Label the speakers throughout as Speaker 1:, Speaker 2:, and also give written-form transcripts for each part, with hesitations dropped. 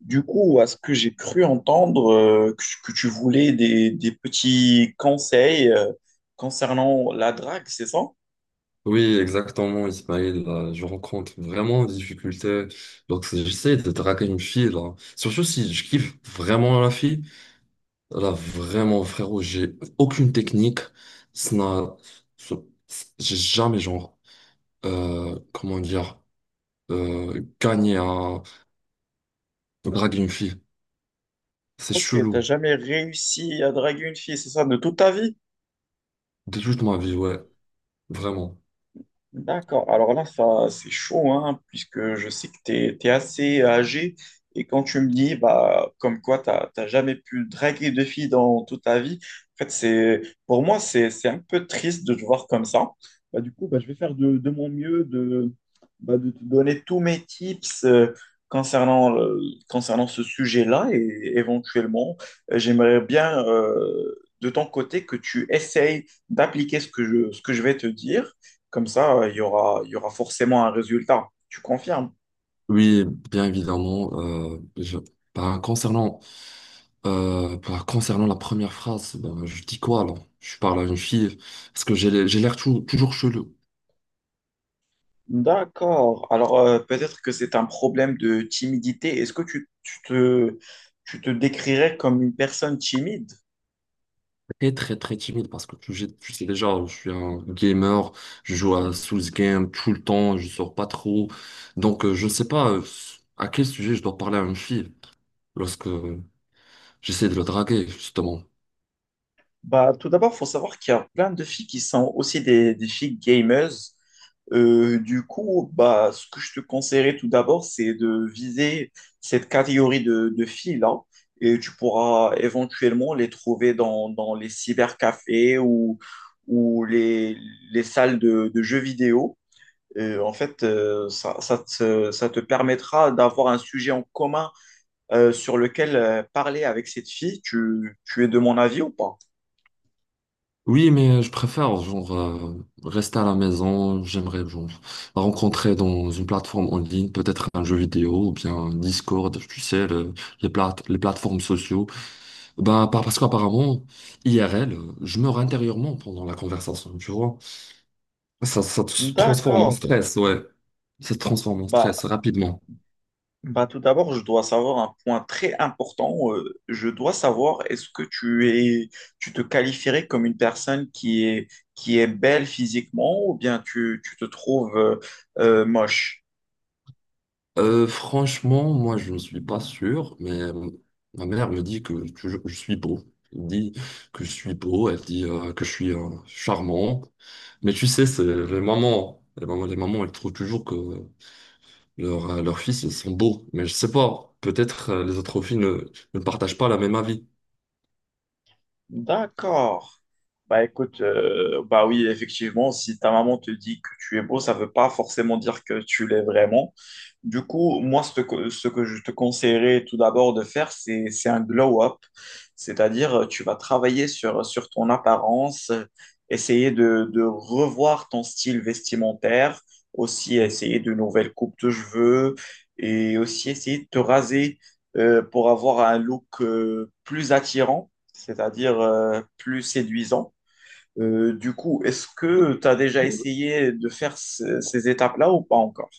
Speaker 1: Du coup, à ce que j'ai cru entendre, que tu voulais des petits conseils concernant la drague, c'est ça?
Speaker 2: Oui, exactement, Ismaël. Là, je rencontre vraiment des difficultés lorsque j'essaie de draguer une fille. Là. Surtout si je kiffe vraiment la fille. Là, vraiment, frérot, j'ai aucune technique. Ça n'a- ça- J'ai jamais, genre, comment dire, gagné à draguer une fille. C'est
Speaker 1: Ok,
Speaker 2: chelou.
Speaker 1: t'as jamais réussi à draguer une fille, c'est ça, de toute ta vie?
Speaker 2: De toute ma vie, ouais. Vraiment.
Speaker 1: D'accord. Alors là, ça, c'est chaud, hein, puisque je sais que tu es, assez âgé. Et quand tu me dis, bah, comme quoi, tu n'as jamais pu draguer de filles dans toute ta vie, en fait, c'est, pour moi, c'est un peu triste de te voir comme ça. Bah, du coup, bah, je vais faire de mon mieux de, bah, de te donner tous mes tips concernant, le- concernant ce sujet-là. Et éventuellement, j'aimerais bien, de ton côté, que tu essayes d'appliquer ce que je vais te dire. Comme ça, il y aura forcément un résultat. Tu confirmes?
Speaker 2: Oui, bien évidemment. Ben, concernant la première phrase, ben, je dis quoi alors? Je parle à une fille parce que j'ai l'air toujours chelou,
Speaker 1: D'accord. Alors, peut-être que c'est un problème de timidité. Est-ce que tu te décrirais comme une personne timide?
Speaker 2: très très très timide parce que tu sais déjà, je suis un gamer, je joue à Souls Game tout le temps, je sors pas trop. Donc je sais pas, à quel sujet je dois parler à une fille lorsque j'essaie de la draguer justement.
Speaker 1: Bah, tout d'abord, il faut savoir qu'il y a plein de filles qui sont aussi des filles gamers. Du coup, bah, ce que je te conseillerais tout d'abord, c'est de viser cette catégorie de filles-là. Et tu pourras éventuellement les trouver dans les cybercafés ou les salles de jeux vidéo. En fait, ça te permettra d'avoir un sujet en commun sur lequel parler avec cette fille. Tu es de mon avis ou pas?
Speaker 2: Oui, mais je préfère rester à la maison. J'aimerais genre rencontrer dans une plateforme en ligne, peut-être un jeu vidéo ou bien un Discord, tu sais, les plateformes sociaux. Parce qu'apparemment, IRL, je meurs intérieurement pendant la conversation, tu vois. Ça se transforme en
Speaker 1: D'accord.
Speaker 2: stress, ouais. Ça se transforme en stress
Speaker 1: Bah,
Speaker 2: rapidement.
Speaker 1: bah tout d'abord, je dois savoir un point très important. Je dois savoir est-ce que tu es, tu te qualifierais comme une personne qui est belle physiquement ou bien tu te trouves moche?
Speaker 2: Franchement, moi, je ne suis pas sûr, mais ma mère me dit que je suis beau. Elle me dit que je suis beau, elle dit que je suis charmant. Mais tu sais, c'est les mamans, les mamans, les mamans, elles trouvent toujours que leur, leurs fils, ils sont beaux. Mais je sais pas, peut-être les autres filles ne partagent pas la même avis.
Speaker 1: D'accord. Bah écoute, bah oui, effectivement, si ta maman te dit que tu es beau, ça ne veut pas forcément dire que tu l'es vraiment. Du coup, moi, ce que je te conseillerais tout d'abord de faire, c'est un glow-up. C'est-à-dire, tu vas travailler sur ton apparence, essayer de revoir ton style vestimentaire, aussi essayer de nouvelles coupes de cheveux et aussi essayer de te raser pour avoir un look plus attirant, c'est-à-dire plus séduisant. Du coup, est-ce que tu as déjà essayé de faire ces étapes-là ou pas encore?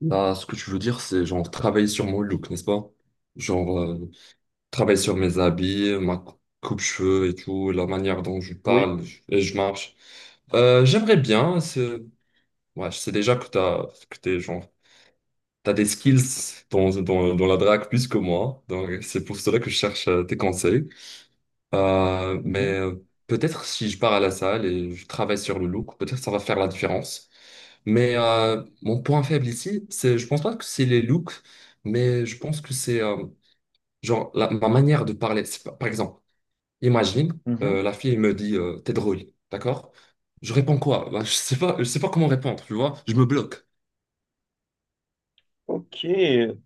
Speaker 2: Là, ce que tu veux dire, c'est genre travailler sur mon look, n'est-ce pas? Genre travailler sur mes habits, ma coupe-cheveux et tout, la manière dont je
Speaker 1: Oui.
Speaker 2: parle et je marche. J'aimerais bien. Ouais, je sais déjà que t'es genre t'as des skills dans la drague plus que moi. Donc c'est pour cela que je cherche tes conseils.
Speaker 1: Mhm.
Speaker 2: Peut-être si je pars à la salle et je travaille sur le look, peut-être ça va faire la différence. Mais mon point faible ici, c'est je pense pas que c'est les looks, mais je pense que c'est, genre ma manière de parler. C'est pas- Par exemple. Imagine,
Speaker 1: Mhm.
Speaker 2: la fille me dit t'es drôle, d'accord? Je réponds quoi? Bah, je sais pas comment répondre, tu vois? Je me bloque.
Speaker 1: Ok,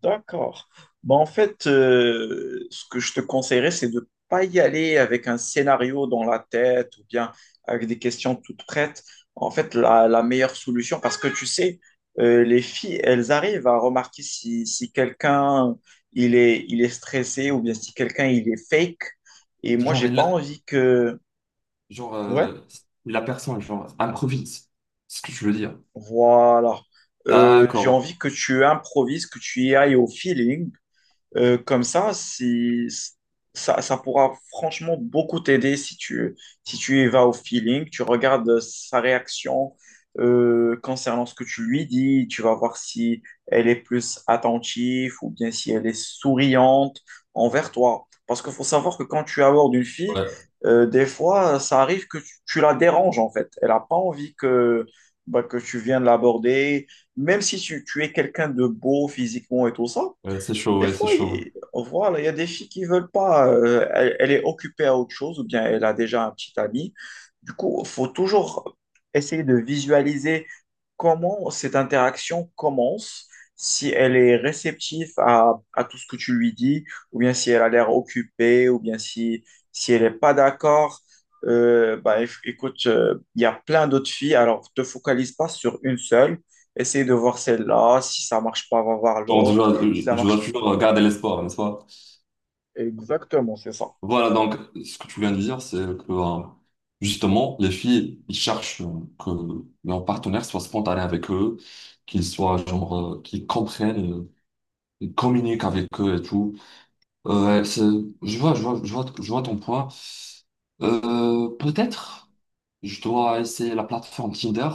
Speaker 1: d'accord. Bon, en fait, ce que je te conseillerais, c'est de pas y aller avec un scénario dans la tête ou bien avec des questions toutes prêtes. En fait, la meilleure solution, parce que tu sais, les filles, elles arrivent à remarquer si, si quelqu'un il est stressé ou bien si quelqu'un il est fake. Et moi,
Speaker 2: Genre,
Speaker 1: j'ai pas
Speaker 2: il-
Speaker 1: envie que...
Speaker 2: genre
Speaker 1: Ouais,
Speaker 2: euh, la personne, genre, improvise. C'est ce que je veux dire.
Speaker 1: voilà. J'ai
Speaker 2: D'accord.
Speaker 1: envie que tu improvises, que tu y ailles au feeling. Comme ça, si, ça pourra franchement beaucoup t'aider si tu, si tu y vas au feeling, tu regardes sa réaction concernant ce que tu lui dis, tu vas voir si elle est plus attentive ou bien si elle est souriante envers toi. Parce qu'il faut savoir que quand tu abordes une fille,
Speaker 2: Ouais,
Speaker 1: des fois, ça arrive que tu la déranges en fait. Elle n'a pas envie que, bah, que tu viennes l'aborder, même si tu es quelqu'un de beau physiquement et tout ça.
Speaker 2: ouais, c'est chaud,
Speaker 1: Des
Speaker 2: ouais, c'est
Speaker 1: fois,
Speaker 2: chaud.
Speaker 1: il, on voit, là, il y a des filles qui veulent pas, elle est occupée à autre chose ou bien elle a déjà un petit ami. Du coup, il faut toujours essayer de visualiser comment cette interaction commence, si elle est réceptive à tout ce que tu lui dis, ou bien si elle a l'air occupée, ou bien si, si elle n'est pas d'accord. Bah, écoute, il y a plein d'autres filles, alors te focalise pas sur une seule. Essaye de voir celle-là. Si ça marche pas, va voir
Speaker 2: Genre,
Speaker 1: l'autre. Si ça
Speaker 2: je dois
Speaker 1: marche
Speaker 2: toujours garder l'espoir, n'est-ce pas?
Speaker 1: Exactement, c'est ça.
Speaker 2: Voilà, donc, ce que tu viens de dire, c'est que, justement, les filles, ils cherchent que leur partenaire soit spontané avec eux, qu'ils soient, genre, qu'ils comprennent, ils communiquent avec eux et tout. Ouais, c'est- je vois, je vois, je vois, je vois ton point. Peut-être je dois essayer la plateforme Tinder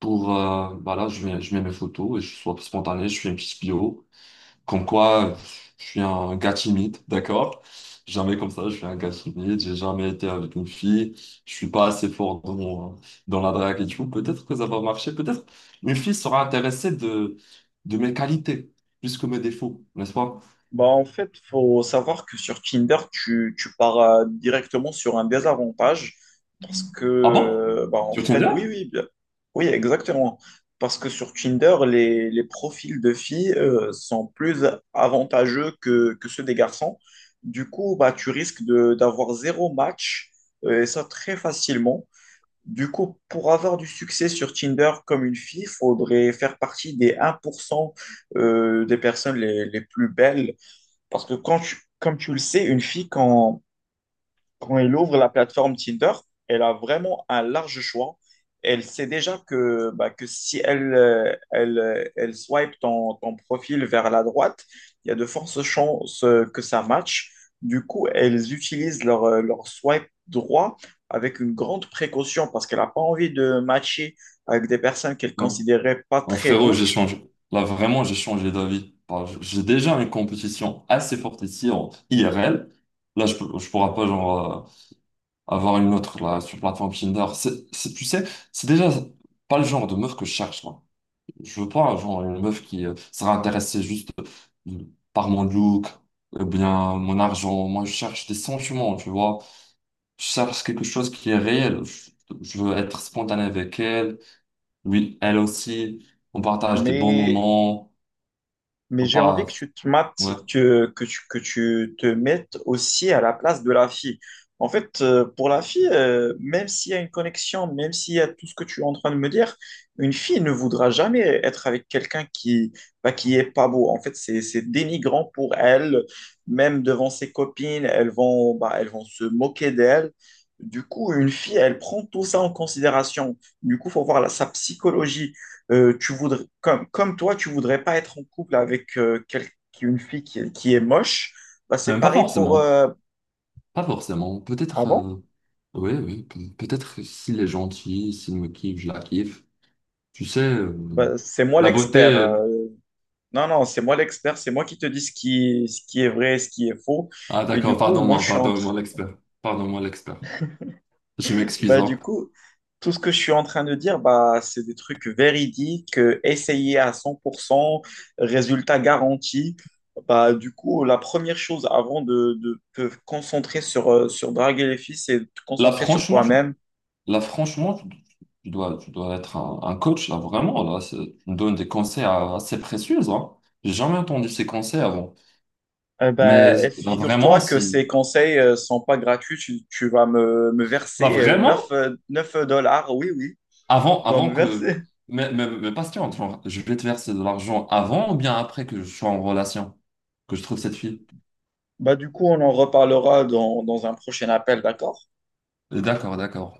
Speaker 2: pour, voilà, je mets mes photos et je sois spontané, je fais une petite bio. Comme quoi, je suis un gars timide, d'accord? Jamais comme ça, je suis un gars timide, j'ai jamais été avec une fille, je suis pas assez fort dans la drague et tout. Peut-être que ça va marcher, peut-être une fille sera intéressée de mes qualités plus que mes défauts, n'est-ce pas?
Speaker 1: Bah, en fait, faut savoir que sur Tinder, tu pars directement sur un désavantage parce que,
Speaker 2: Ah bon?
Speaker 1: bah, en
Speaker 2: Sur
Speaker 1: fait,
Speaker 2: Tinder?
Speaker 1: oui, bien- oui, exactement. Parce que sur Tinder, les profils de filles sont plus avantageux que ceux des garçons. Du coup, bah, tu risques d'avoir zéro match, et ça très facilement. Du coup, pour avoir du succès sur Tinder comme une fille, il faudrait faire partie des 1% des personnes les plus belles. Parce que quand tu- comme tu le sais, une fille, quand, quand elle ouvre la plateforme Tinder, elle a vraiment un large choix. Elle sait déjà que, bah, que si elle, elle, elle swipe ton profil vers la droite, il y a de fortes chances que ça matche. Du coup, elles utilisent leur, leur swipe droit avec une grande précaution parce qu'elle n'a pas envie de matcher avec des personnes qu'elle
Speaker 2: Non.
Speaker 1: considérait pas
Speaker 2: Ah,
Speaker 1: très
Speaker 2: frérot,
Speaker 1: beaux.
Speaker 2: j'ai changé. Là, vraiment, j'ai changé d'avis. J'ai déjà une compétition assez forte ici en IRL. Là, je ne pourrais pas avoir une autre là, sur plateforme Tinder. Tu sais, c'est déjà pas le genre de meuf que je cherche. Moi, je veux pas genre une meuf qui sera intéressée juste, euh, par mon look ou bien mon argent. Moi, je cherche des sentiments, tu vois. Je cherche quelque chose qui est réel. Je veux être spontané avec elle. Oui, elle aussi, on partage des bons
Speaker 1: Mais
Speaker 2: moments,
Speaker 1: Mais
Speaker 2: on
Speaker 1: j'ai envie que
Speaker 2: partage,
Speaker 1: tu te mates,
Speaker 2: ouais.
Speaker 1: que, que tu te mettes aussi à la place de la fille. En fait, pour la fille, même s'il y a une connexion, même s'il y a tout ce que tu es en train de me dire, une fille ne voudra jamais être avec quelqu'un qui, bah, qui est pas beau. En fait, c'est dénigrant pour elle, même devant ses copines, elles vont, bah, elles vont se moquer d'elle. Du coup, une fille, elle prend tout ça en considération. Du coup, faut voir la- sa psychologie tu voudrais, comme, comme toi, tu voudrais pas être en couple avec quel- une fille qui est moche, bah, c'est
Speaker 2: Même pas
Speaker 1: pareil pour...
Speaker 2: forcément, Pas forcément,
Speaker 1: Ah
Speaker 2: peut-être,
Speaker 1: bon?
Speaker 2: oui, oui, peut-être que s'il est gentil, s'il me kiffe, je la kiffe. Tu sais,
Speaker 1: Bah, c'est moi
Speaker 2: la beauté,
Speaker 1: l'expert. Non, non, c'est moi l'expert, c'est moi qui te dis ce qui est vrai, et ce qui est faux.
Speaker 2: ah
Speaker 1: Et du
Speaker 2: d'accord,
Speaker 1: coup, moi,
Speaker 2: pardon-moi,
Speaker 1: je suis en, tr-
Speaker 2: pardon-moi l'expert, je m'excuse.
Speaker 1: Bah,
Speaker 2: Hein.
Speaker 1: du coup, tout ce que je suis en train de dire, bah, c'est des trucs véridiques, essayés à 100%, résultat garanti. Bah, du coup, la première chose avant de te concentrer sur, sur draguer les filles, c'est de te
Speaker 2: Là,
Speaker 1: concentrer sur
Speaker 2: franchement, tu,
Speaker 1: toi-même.
Speaker 2: Là, franchement, tu dois être un coach, là, vraiment, tu me donnes des conseils, assez précieux, hein. J'ai jamais entendu ces conseils avant. Mais
Speaker 1: Bah, et
Speaker 2: vraiment,
Speaker 1: figure-toi que
Speaker 2: si...
Speaker 1: ces conseils ne sont pas gratuits. Tu vas me
Speaker 2: Là,
Speaker 1: verser
Speaker 2: vraiment,
Speaker 1: 9 9 dollars. Oui, oui, tu dois
Speaker 2: avant
Speaker 1: me
Speaker 2: que.
Speaker 1: verser.
Speaker 2: Mais patiente, genre, je vais te verser de l'argent avant ou bien après que je sois en relation, que je trouve cette fille.
Speaker 1: Bah, du coup, on en reparlera dans un prochain appel, d'accord?
Speaker 2: D'accord, d'accord.